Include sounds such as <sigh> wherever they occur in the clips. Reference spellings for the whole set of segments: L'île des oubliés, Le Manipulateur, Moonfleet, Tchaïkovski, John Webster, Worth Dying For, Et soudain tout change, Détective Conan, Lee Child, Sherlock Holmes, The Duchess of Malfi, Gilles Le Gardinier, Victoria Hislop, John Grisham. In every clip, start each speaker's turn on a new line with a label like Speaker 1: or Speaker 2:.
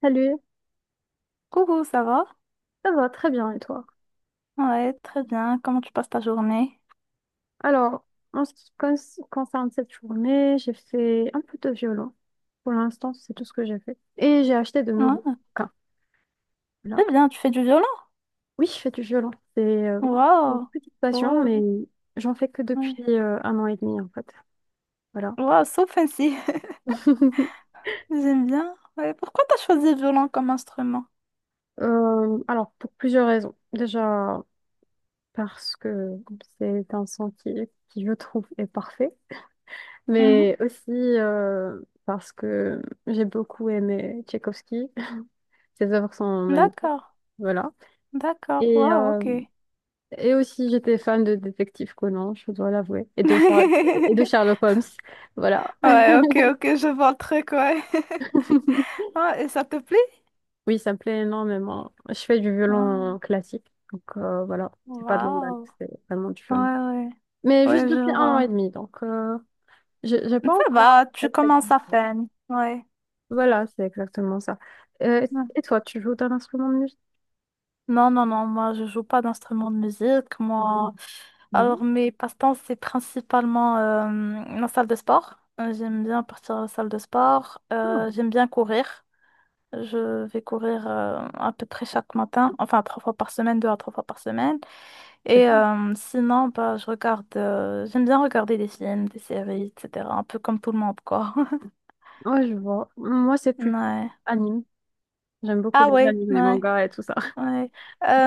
Speaker 1: Salut,
Speaker 2: Coucou, ça va?
Speaker 1: ça va très bien et toi?
Speaker 2: Ouais, très bien. Comment tu passes ta journée?
Speaker 1: Alors, en ce qui concerne cette journée, j'ai fait un peu de violon. Pour l'instant, c'est tout ce que j'ai fait. Et j'ai acheté de nouveaux
Speaker 2: Ouais,
Speaker 1: bouquins. Là.
Speaker 2: très bien. Tu fais du violon?
Speaker 1: Oui, je fais du violon. C'est euh, une
Speaker 2: Waouh!
Speaker 1: petite passion,
Speaker 2: Waouh!
Speaker 1: mais j'en fais que depuis
Speaker 2: Ouais.
Speaker 1: un an et demi en fait. Voilà.
Speaker 2: Waouh, so fancy.
Speaker 1: <laughs>
Speaker 2: <laughs> J'aime bien. Ouais, pourquoi t'as choisi le violon comme instrument?
Speaker 1: Alors, pour plusieurs raisons. Déjà, parce que c'est un son qui, je trouve, est parfait.
Speaker 2: Mhm.
Speaker 1: Mais aussi parce que j'ai beaucoup aimé Tchaïkovski. Ses œuvres sont magnifiques.
Speaker 2: D'accord.
Speaker 1: Voilà.
Speaker 2: D'accord.
Speaker 1: Et,
Speaker 2: Waouh,
Speaker 1: euh,
Speaker 2: ok.
Speaker 1: et aussi, j'étais fan de Détective Conan, je dois l'avouer, et de
Speaker 2: <laughs>
Speaker 1: Sherlock Holmes. Voilà.
Speaker 2: Ouais, ok, ok, je vois le truc, ouais.
Speaker 1: <laughs>
Speaker 2: Ouais, et ça te plaît?
Speaker 1: Oui, ça me plaît énormément. Je fais du violon
Speaker 2: Ah,
Speaker 1: classique, donc voilà, c'est pas de l'emballe,
Speaker 2: waouh.
Speaker 1: c'est vraiment du
Speaker 2: Ouais,
Speaker 1: violon.
Speaker 2: ouais.
Speaker 1: Mais juste
Speaker 2: Ouais, je
Speaker 1: depuis un an et
Speaker 2: vois.
Speaker 1: demi, donc j'ai pas
Speaker 2: Ça
Speaker 1: encore
Speaker 2: va,
Speaker 1: très
Speaker 2: tu
Speaker 1: très bien
Speaker 2: commences à
Speaker 1: joué.
Speaker 2: peine. Ouais.
Speaker 1: Voilà, c'est exactement ça. Euh,
Speaker 2: Ouais.
Speaker 1: et toi, tu joues d'un instrument de musique?
Speaker 2: Non, non, non, moi je joue pas d'instrument de musique. Moi,
Speaker 1: Mhm.
Speaker 2: alors, mes passe-temps, c'est principalement la salle de sport. J'aime bien partir à la salle de sport.
Speaker 1: Ah,
Speaker 2: J'aime bien courir. Je vais courir à peu près chaque matin, enfin trois fois par semaine, deux à trois fois par semaine.
Speaker 1: c'est
Speaker 2: Et
Speaker 1: bien.
Speaker 2: sinon, bah, je regarde, j'aime bien regarder des films, des séries, etc. Un peu comme tout le monde, quoi. <laughs>
Speaker 1: Ouais, je vois. Moi, c'est plus
Speaker 2: Ouais.
Speaker 1: anime. J'aime beaucoup
Speaker 2: Ah
Speaker 1: les
Speaker 2: ouais,
Speaker 1: animes, les
Speaker 2: ouais.
Speaker 1: mangas et tout ça.
Speaker 2: Ouais.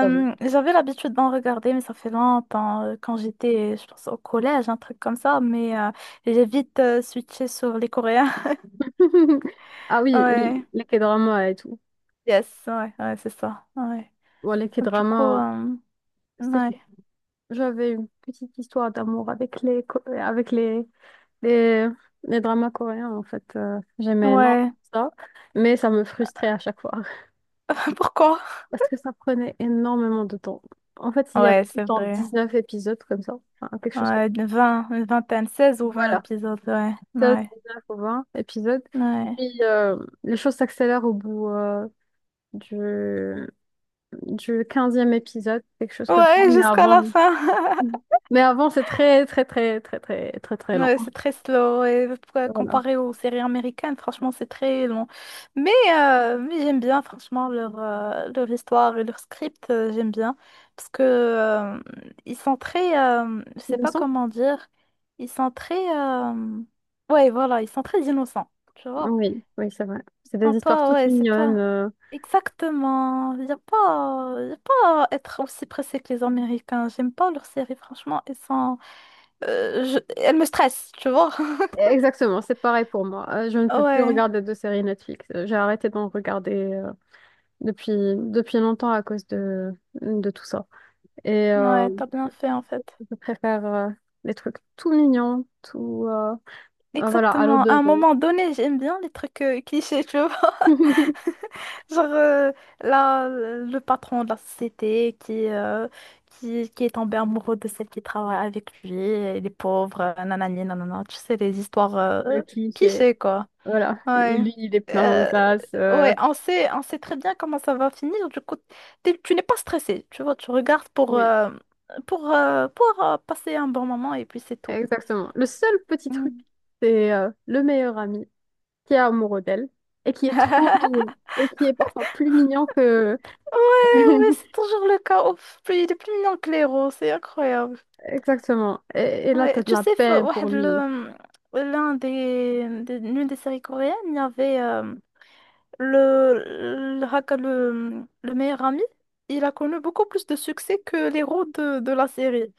Speaker 1: Bravo.
Speaker 2: j'avais l'habitude d'en regarder, mais ça fait longtemps, quand j'étais, je pense, au collège, un truc comme ça, mais j'ai vite switché sur les Coréens. <laughs>
Speaker 1: <laughs> Ah oui,
Speaker 2: Ouais,
Speaker 1: les K-dramas et tout.
Speaker 2: yes, ouais, ouais, c'est ça. Ouais.
Speaker 1: Bon, les
Speaker 2: Du coup,
Speaker 1: K-dramas, c'est que
Speaker 2: ouais.
Speaker 1: j'avais une petite histoire d'amour avec les avec les... les dramas coréens en fait. J'aimais énormément
Speaker 2: Ouais.
Speaker 1: ça, mais ça me frustrait à chaque fois <laughs>
Speaker 2: <laughs> Pourquoi?
Speaker 1: parce que ça prenait énormément de temps. En fait, il y
Speaker 2: Ouais,
Speaker 1: avait tout le
Speaker 2: c'est
Speaker 1: temps
Speaker 2: vrai.
Speaker 1: 19 épisodes comme ça. Enfin, quelque chose comme...
Speaker 2: Ouais, de 20, une vingtaine, 16 ou 20
Speaker 1: Voilà,
Speaker 2: épisodes, ouais.
Speaker 1: dix
Speaker 2: Ouais.
Speaker 1: neuf ou 20 épisodes.
Speaker 2: Ouais.
Speaker 1: Puis les choses s'accélèrent au bout du du 15e épisode, quelque chose comme ça.
Speaker 2: Ouais,
Speaker 1: Mais
Speaker 2: jusqu'à
Speaker 1: avant,
Speaker 2: la fin.
Speaker 1: mais avant, c'est très, très, très, très, très, très, très lent.
Speaker 2: Ouais, c'est très slow et
Speaker 1: Voilà.
Speaker 2: comparé aux séries américaines, franchement, c'est très long. Mais, mais j'aime bien, franchement, leur, leur histoire et leur script, j'aime bien. Parce que ils sont très, je sais pas
Speaker 1: Innocent?
Speaker 2: comment dire, ils sont très, ouais, voilà, ils sont très innocents, tu vois.
Speaker 1: Oui, oui, c'est vrai.
Speaker 2: Ils
Speaker 1: C'est
Speaker 2: sont
Speaker 1: des histoires
Speaker 2: pas,
Speaker 1: toutes
Speaker 2: ouais, c'est
Speaker 1: mignonnes.
Speaker 2: pas
Speaker 1: euh.
Speaker 2: exactement, il y a pas à être aussi pressé que les Américains. J'aime pas leurs séries, franchement, elles sont, elles me stressent, tu vois.
Speaker 1: Exactement, c'est pareil pour moi. Je ne peux plus
Speaker 2: Ouais,
Speaker 1: regarder de séries Netflix. J'ai arrêté d'en regarder depuis, depuis longtemps à cause de tout ça. Et
Speaker 2: ouais, t'as bien fait en fait.
Speaker 1: je préfère les trucs tout mignons, tout... voilà, à l'eau
Speaker 2: Exactement.
Speaker 1: de
Speaker 2: À un
Speaker 1: rose.
Speaker 2: moment donné, j'aime bien les trucs clichés, tu vois.
Speaker 1: <laughs>
Speaker 2: <laughs> Genre là, le patron de la société qui, qui est tombé amoureux de celle qui travaille avec lui, et les pauvres, nanani, nanana. Tu sais, les histoires
Speaker 1: Le cliché.
Speaker 2: clichés, quoi.
Speaker 1: Voilà. Et
Speaker 2: Ouais.
Speaker 1: lui, il est plein aux
Speaker 2: Euh,
Speaker 1: as.
Speaker 2: ouais, on sait très bien comment ça va finir. Du coup, tu n'es pas stressé, tu vois. Tu regardes pour,
Speaker 1: Oui,
Speaker 2: euh, pour, euh, pour euh, passer un bon moment et puis c'est tout.
Speaker 1: exactement. Le seul petit truc,
Speaker 2: Mm.
Speaker 1: c'est le meilleur ami qui est amoureux d'elle et qui est trop mignon et qui est parfois plus mignon que...
Speaker 2: Ouais, ouais, c'est
Speaker 1: <laughs>
Speaker 2: toujours le cas. Ouf, il est plus mignon que les roses, c'est incroyable.
Speaker 1: Exactement. Et là, t'as
Speaker 2: Ouais,
Speaker 1: de
Speaker 2: tu
Speaker 1: la
Speaker 2: sais,
Speaker 1: peine pour lui.
Speaker 2: l'un des, l'une des séries coréennes, il y avait le, le meilleur ami. Il a connu beaucoup plus de succès que l'héros de la série.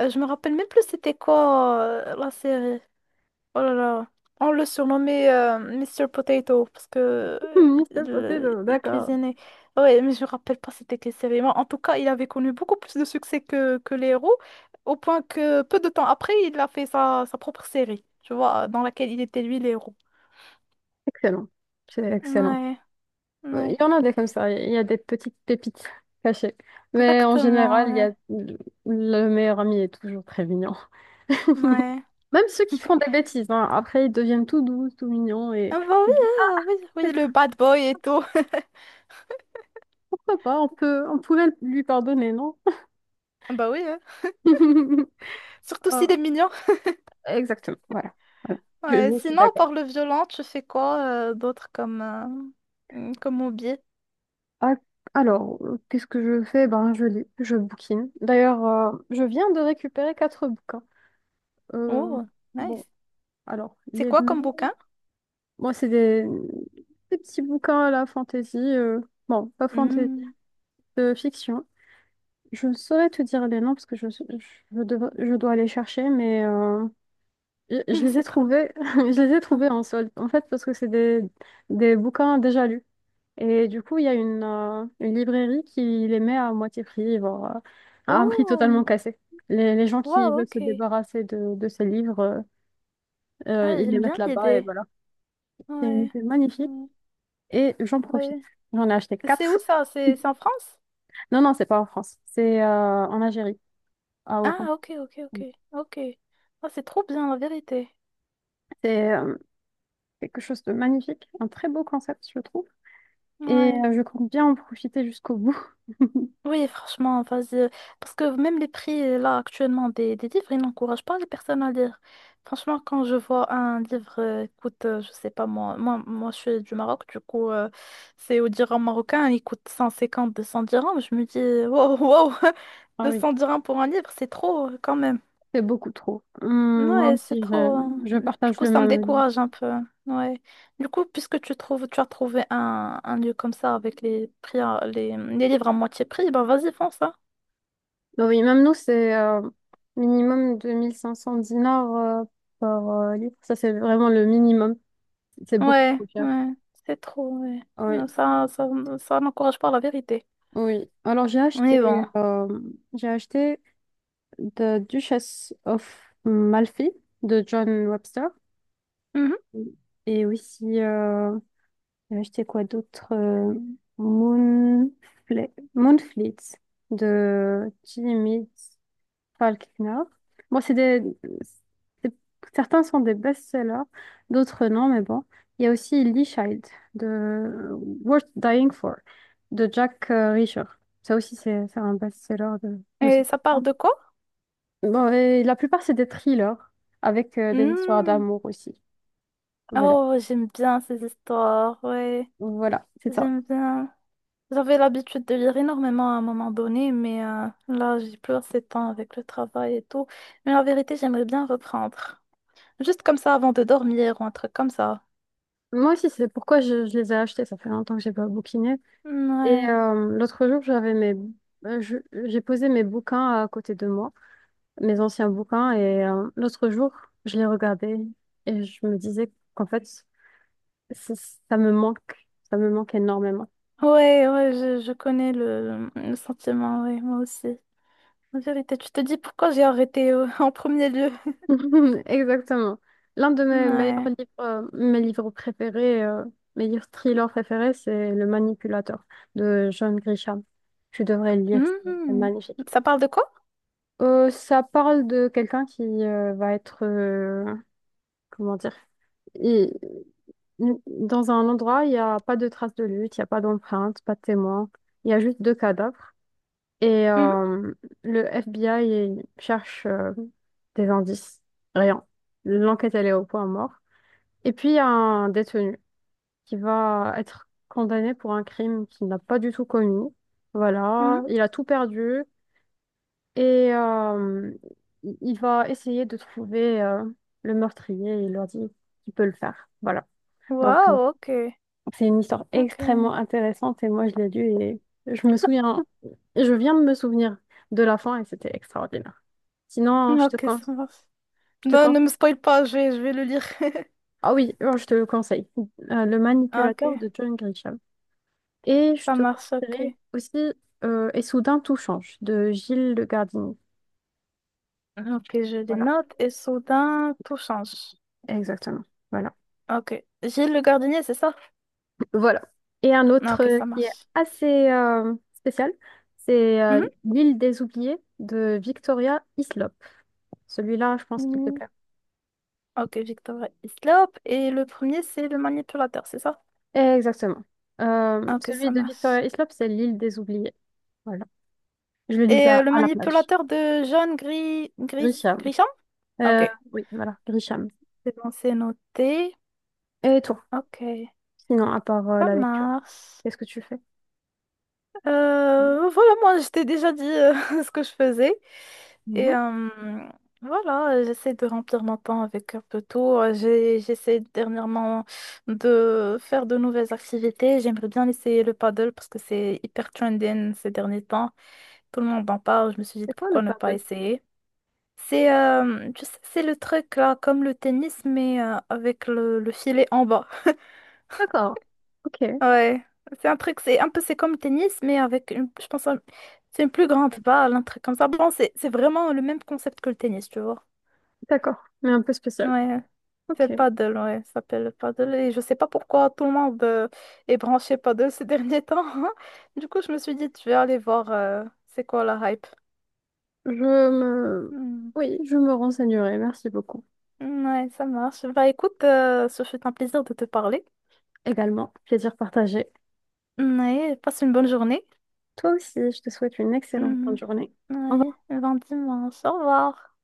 Speaker 2: Je me rappelle même plus c'était quoi la série. Oh là là. On le surnommait Mr. Potato parce
Speaker 1: <laughs>
Speaker 2: que
Speaker 1: M. Potato,
Speaker 2: il
Speaker 1: d'accord.
Speaker 2: cuisinait. Ouais, mais je me rappelle pas c'était quelle série. Mais en tout cas, il avait connu beaucoup plus de succès que les héros, au point que peu de temps après, il a fait sa propre série, tu vois, dans laquelle il était lui les héros.
Speaker 1: Excellent. C'est excellent.
Speaker 2: Ouais,
Speaker 1: Il
Speaker 2: ouais,
Speaker 1: y en a des comme ça. Il y a des petites pépites cachées. Mais en général,
Speaker 2: exactement,
Speaker 1: il y
Speaker 2: ouais,
Speaker 1: a le meilleur ami est toujours très mignon.
Speaker 2: ouais.
Speaker 1: <laughs> Même ceux qui font des bêtises, hein, après, ils deviennent tout doux, tout mignons et...
Speaker 2: Ah bah oui, ah oui, oui, le bad boy et tout.
Speaker 1: Pourquoi pas? On pouvait lui pardonner, non?
Speaker 2: <laughs> Ah bah oui, hein.
Speaker 1: <laughs>
Speaker 2: Surtout s'il est
Speaker 1: Ah,
Speaker 2: mignon.
Speaker 1: exactement, voilà. Voilà. Je,
Speaker 2: Ouais,
Speaker 1: je suis
Speaker 2: sinon,
Speaker 1: d'accord.
Speaker 2: par le violent, tu fais quoi d'autre comme, comme hobby?
Speaker 1: Ah, alors, qu'est-ce que je fais? Ben, je lis, je bouquine. D'ailleurs, je viens de récupérer quatre bouquins. Euh,
Speaker 2: Oh,
Speaker 1: bon,
Speaker 2: nice.
Speaker 1: alors,
Speaker 2: C'est
Speaker 1: les
Speaker 2: quoi comme
Speaker 1: noms,
Speaker 2: bouquin?
Speaker 1: moi, des petits bouquins à la fantaisie. Pas fantaisie,
Speaker 2: Hmm.
Speaker 1: de fiction. Je ne saurais te dire les noms parce que je dois aller chercher, mais je
Speaker 2: <laughs>
Speaker 1: les ai
Speaker 2: C'est trop bien.
Speaker 1: trouvés, <laughs> je les ai trouvés en solde, en fait, parce que des bouquins déjà lus. Et du coup, il y a une librairie qui les met à moitié prix, voire à un prix totalement
Speaker 2: Oh,
Speaker 1: cassé. Les gens qui
Speaker 2: wow,
Speaker 1: veulent se
Speaker 2: ok.
Speaker 1: débarrasser de ces livres,
Speaker 2: Ah,
Speaker 1: ils les
Speaker 2: j'aime
Speaker 1: mettent
Speaker 2: bien
Speaker 1: là-bas et
Speaker 2: l'idée.
Speaker 1: voilà. C'est une
Speaker 2: Ouais,
Speaker 1: idée magnifique
Speaker 2: ouais.
Speaker 1: et j'en profite.
Speaker 2: Ouais.
Speaker 1: J'en ai acheté
Speaker 2: C'est où
Speaker 1: quatre.
Speaker 2: ça? C'est en France?
Speaker 1: Non, non, c'est pas en France, c'est en Algérie, à Oran.
Speaker 2: Ah, ok, ok, ok, ok. Ah, c'est trop bien, la vérité.
Speaker 1: C'est quelque chose de magnifique, un très beau concept, je trouve. Et
Speaker 2: Ouais.
Speaker 1: je compte bien en profiter jusqu'au bout.
Speaker 2: Oui, franchement, vas-y. Parce que même les prix, là, actuellement, des livres, ils n'encouragent pas les personnes à lire. Franchement, quand je vois un livre coûte, je sais pas moi, je suis du Maroc, du coup, c'est au dirham marocain, il coûte 152 200 dirhams. Je me dis, wow, wow, <laughs>
Speaker 1: Ah oui.
Speaker 2: 200 dirhams pour un livre, c'est trop quand même.
Speaker 1: C'est beaucoup trop. Moi
Speaker 2: Ouais, c'est
Speaker 1: aussi,
Speaker 2: trop, hein.
Speaker 1: je
Speaker 2: Du
Speaker 1: partage
Speaker 2: coup,
Speaker 1: le
Speaker 2: ça me
Speaker 1: même avis.
Speaker 2: décourage un peu. Ouais. Du coup, puisque tu trouves, tu as trouvé un lieu comme ça avec les prix, les livres à moitié prix, ben vas-y, fonce, hein.
Speaker 1: Bah oui, même nous, c'est minimum 2 500 dinars euh, par livre. Ça, c'est vraiment le minimum. C'est beaucoup
Speaker 2: Ouais,
Speaker 1: trop cher.
Speaker 2: ouais, c'est trop, ouais.
Speaker 1: Ah oui,
Speaker 2: Non, ça n'encourage pas la vérité.
Speaker 1: oui. Alors,
Speaker 2: Mais bon.
Speaker 1: euh, j'ai acheté The Duchess of Malfi de John Webster.
Speaker 2: Mhm.
Speaker 1: Et aussi, j'ai acheté quoi d'autre? Moonfleet de Jimmy. Pas le Knorr. Bon, c'est- certains sont des best-sellers, d'autres non, mais bon. Il y a aussi Lee Child de Worth Dying For de Jack Reacher. Ça aussi, c'est un best-seller de ce
Speaker 2: Et ça part
Speaker 1: moment.
Speaker 2: de quoi?
Speaker 1: Bon, et la plupart, c'est des thrillers avec des histoires
Speaker 2: Hmm.
Speaker 1: d'amour aussi. Voilà.
Speaker 2: Oh, j'aime bien ces histoires, ouais.
Speaker 1: Voilà, c'est ça.
Speaker 2: J'aime bien. J'avais l'habitude de lire énormément à un moment donné, mais là, j'ai plus assez de temps avec le travail et tout. Mais la vérité, j'aimerais bien reprendre. Juste comme ça avant de dormir ou un truc comme ça.
Speaker 1: Moi aussi, c'est pourquoi je les ai achetés. Ça fait longtemps que j'ai pas bouquiné. Et
Speaker 2: Ouais.
Speaker 1: l'autre jour, euh, je- j'ai posé mes bouquins à côté de moi, mes anciens bouquins. Et l'autre jour, je les regardais et je me disais qu'en fait, ça ça me manque, ça me manque énormément.
Speaker 2: Ouais, ouais, je connais le sentiment, ouais, moi aussi. En vérité, tu te dis pourquoi j'ai arrêté <laughs> en premier lieu.
Speaker 1: <laughs> Exactement. L'un de mes meilleurs
Speaker 2: Ouais.
Speaker 1: livres, mes livres préférés, mes livres thrillers préférés, c'est Le Manipulateur de John Grisham. Tu devrais le lire, c'est
Speaker 2: Mhm.
Speaker 1: magnifique.
Speaker 2: Ça parle de quoi?
Speaker 1: Ça parle de quelqu'un qui va être, comment dire, il- dans un endroit, il n'y a pas de traces de lutte, il n'y a pas d'empreinte, pas de témoins, il y a juste deux cadavres. Et
Speaker 2: Mhm,
Speaker 1: le FBI cherche des indices, rien. L'enquête, elle est au point mort. Et puis, il y a un détenu qui va être condamné pour un crime qu'il n'a pas du tout commis.
Speaker 2: mhm.
Speaker 1: Voilà, il a tout perdu et il va essayer de trouver le meurtrier et il leur dit qu'il peut le faire. Voilà. Donc,
Speaker 2: Wow, ok.
Speaker 1: c'est une histoire
Speaker 2: Ok.
Speaker 1: extrêmement intéressante et moi, je l'ai lue et je me souviens, je viens de me souvenir de la fin et c'était extraordinaire. Sinon,
Speaker 2: Ok, ça marche.
Speaker 1: je te
Speaker 2: Non, ne
Speaker 1: con-
Speaker 2: me spoil pas, je vais le lire. <laughs>
Speaker 1: ah oui, je te le conseille. Le
Speaker 2: Ok,
Speaker 1: Manipulateur de John Grisham. Et je
Speaker 2: ça
Speaker 1: te
Speaker 2: marche, ok.
Speaker 1: conseillerais aussi Et soudain tout change de Gilles Le Gardinier.
Speaker 2: Ok, je les
Speaker 1: Voilà,
Speaker 2: note et soudain, tout change.
Speaker 1: exactement. Voilà.
Speaker 2: Ok. Gilles le gardinier, c'est ça?
Speaker 1: Voilà. Et un autre
Speaker 2: Ok, ça
Speaker 1: qui est
Speaker 2: marche.
Speaker 1: assez spécial, c'est
Speaker 2: Mhm.
Speaker 1: L'île des oubliés de Victoria Hislop. Celui-là, je pense qu'il te
Speaker 2: Mhm.
Speaker 1: plaît.
Speaker 2: Ok, Victor Islop. Et le premier, c'est le manipulateur, c'est ça?
Speaker 1: Exactement.
Speaker 2: Ok,
Speaker 1: Celui
Speaker 2: ça
Speaker 1: de
Speaker 2: marche.
Speaker 1: Victoria Hislop c'est L'île des oubliés. Voilà. Je le lisais
Speaker 2: Et le
Speaker 1: à la plage.
Speaker 2: manipulateur de jaune gris,
Speaker 1: Grisham.
Speaker 2: grison?
Speaker 1: Euh,
Speaker 2: Ok.
Speaker 1: oui, voilà, Grisham.
Speaker 2: C'est bon, c'est noté.
Speaker 1: Et toi,
Speaker 2: Ok,
Speaker 1: sinon, à part
Speaker 2: ça
Speaker 1: la lecture,
Speaker 2: marche.
Speaker 1: qu'est-ce que tu fais?
Speaker 2: Voilà, moi, je t'ai déjà dit <laughs> ce que je faisais. Et
Speaker 1: Mhm.
Speaker 2: voilà, j'essaie de remplir mon temps avec un peu tout. J'essaie dernièrement de faire de nouvelles activités. J'aimerais bien essayer le paddle parce que c'est hyper trending ces derniers temps. Tout le monde en parle. Je me suis dit
Speaker 1: C'est quoi le
Speaker 2: pourquoi ne
Speaker 1: pape?
Speaker 2: pas essayer. C'est tu sais, c'est le truc là, comme le tennis, mais avec le filet en bas.
Speaker 1: D'accord. Ok.
Speaker 2: Ouais, c'est un truc, c'est un peu, c'est comme le tennis, mais avec, je pense, c'est une plus grande balle, un truc comme ça. Bon, c'est vraiment le même concept que le tennis, tu vois.
Speaker 1: D'accord. Mais un peu spécial.
Speaker 2: Ouais, c'est le
Speaker 1: Ok.
Speaker 2: paddle, ouais, ça s'appelle le paddle. Et je sais pas pourquoi tout le monde est branché paddle ces derniers temps. <laughs> Du coup, je me suis dit, tu vais aller voir c'est quoi la hype.
Speaker 1: Je me...
Speaker 2: Hmm.
Speaker 1: oui, je me renseignerai. Merci beaucoup.
Speaker 2: Ouais, ça marche. Bah écoute, ce fut un plaisir de te parler.
Speaker 1: Également, plaisir partagé.
Speaker 2: Ouais, passe une bonne journée.
Speaker 1: Toi aussi, je te souhaite une excellente fin de
Speaker 2: Mhm.
Speaker 1: journée. Au
Speaker 2: Ouais,
Speaker 1: revoir.
Speaker 2: ben dis au revoir.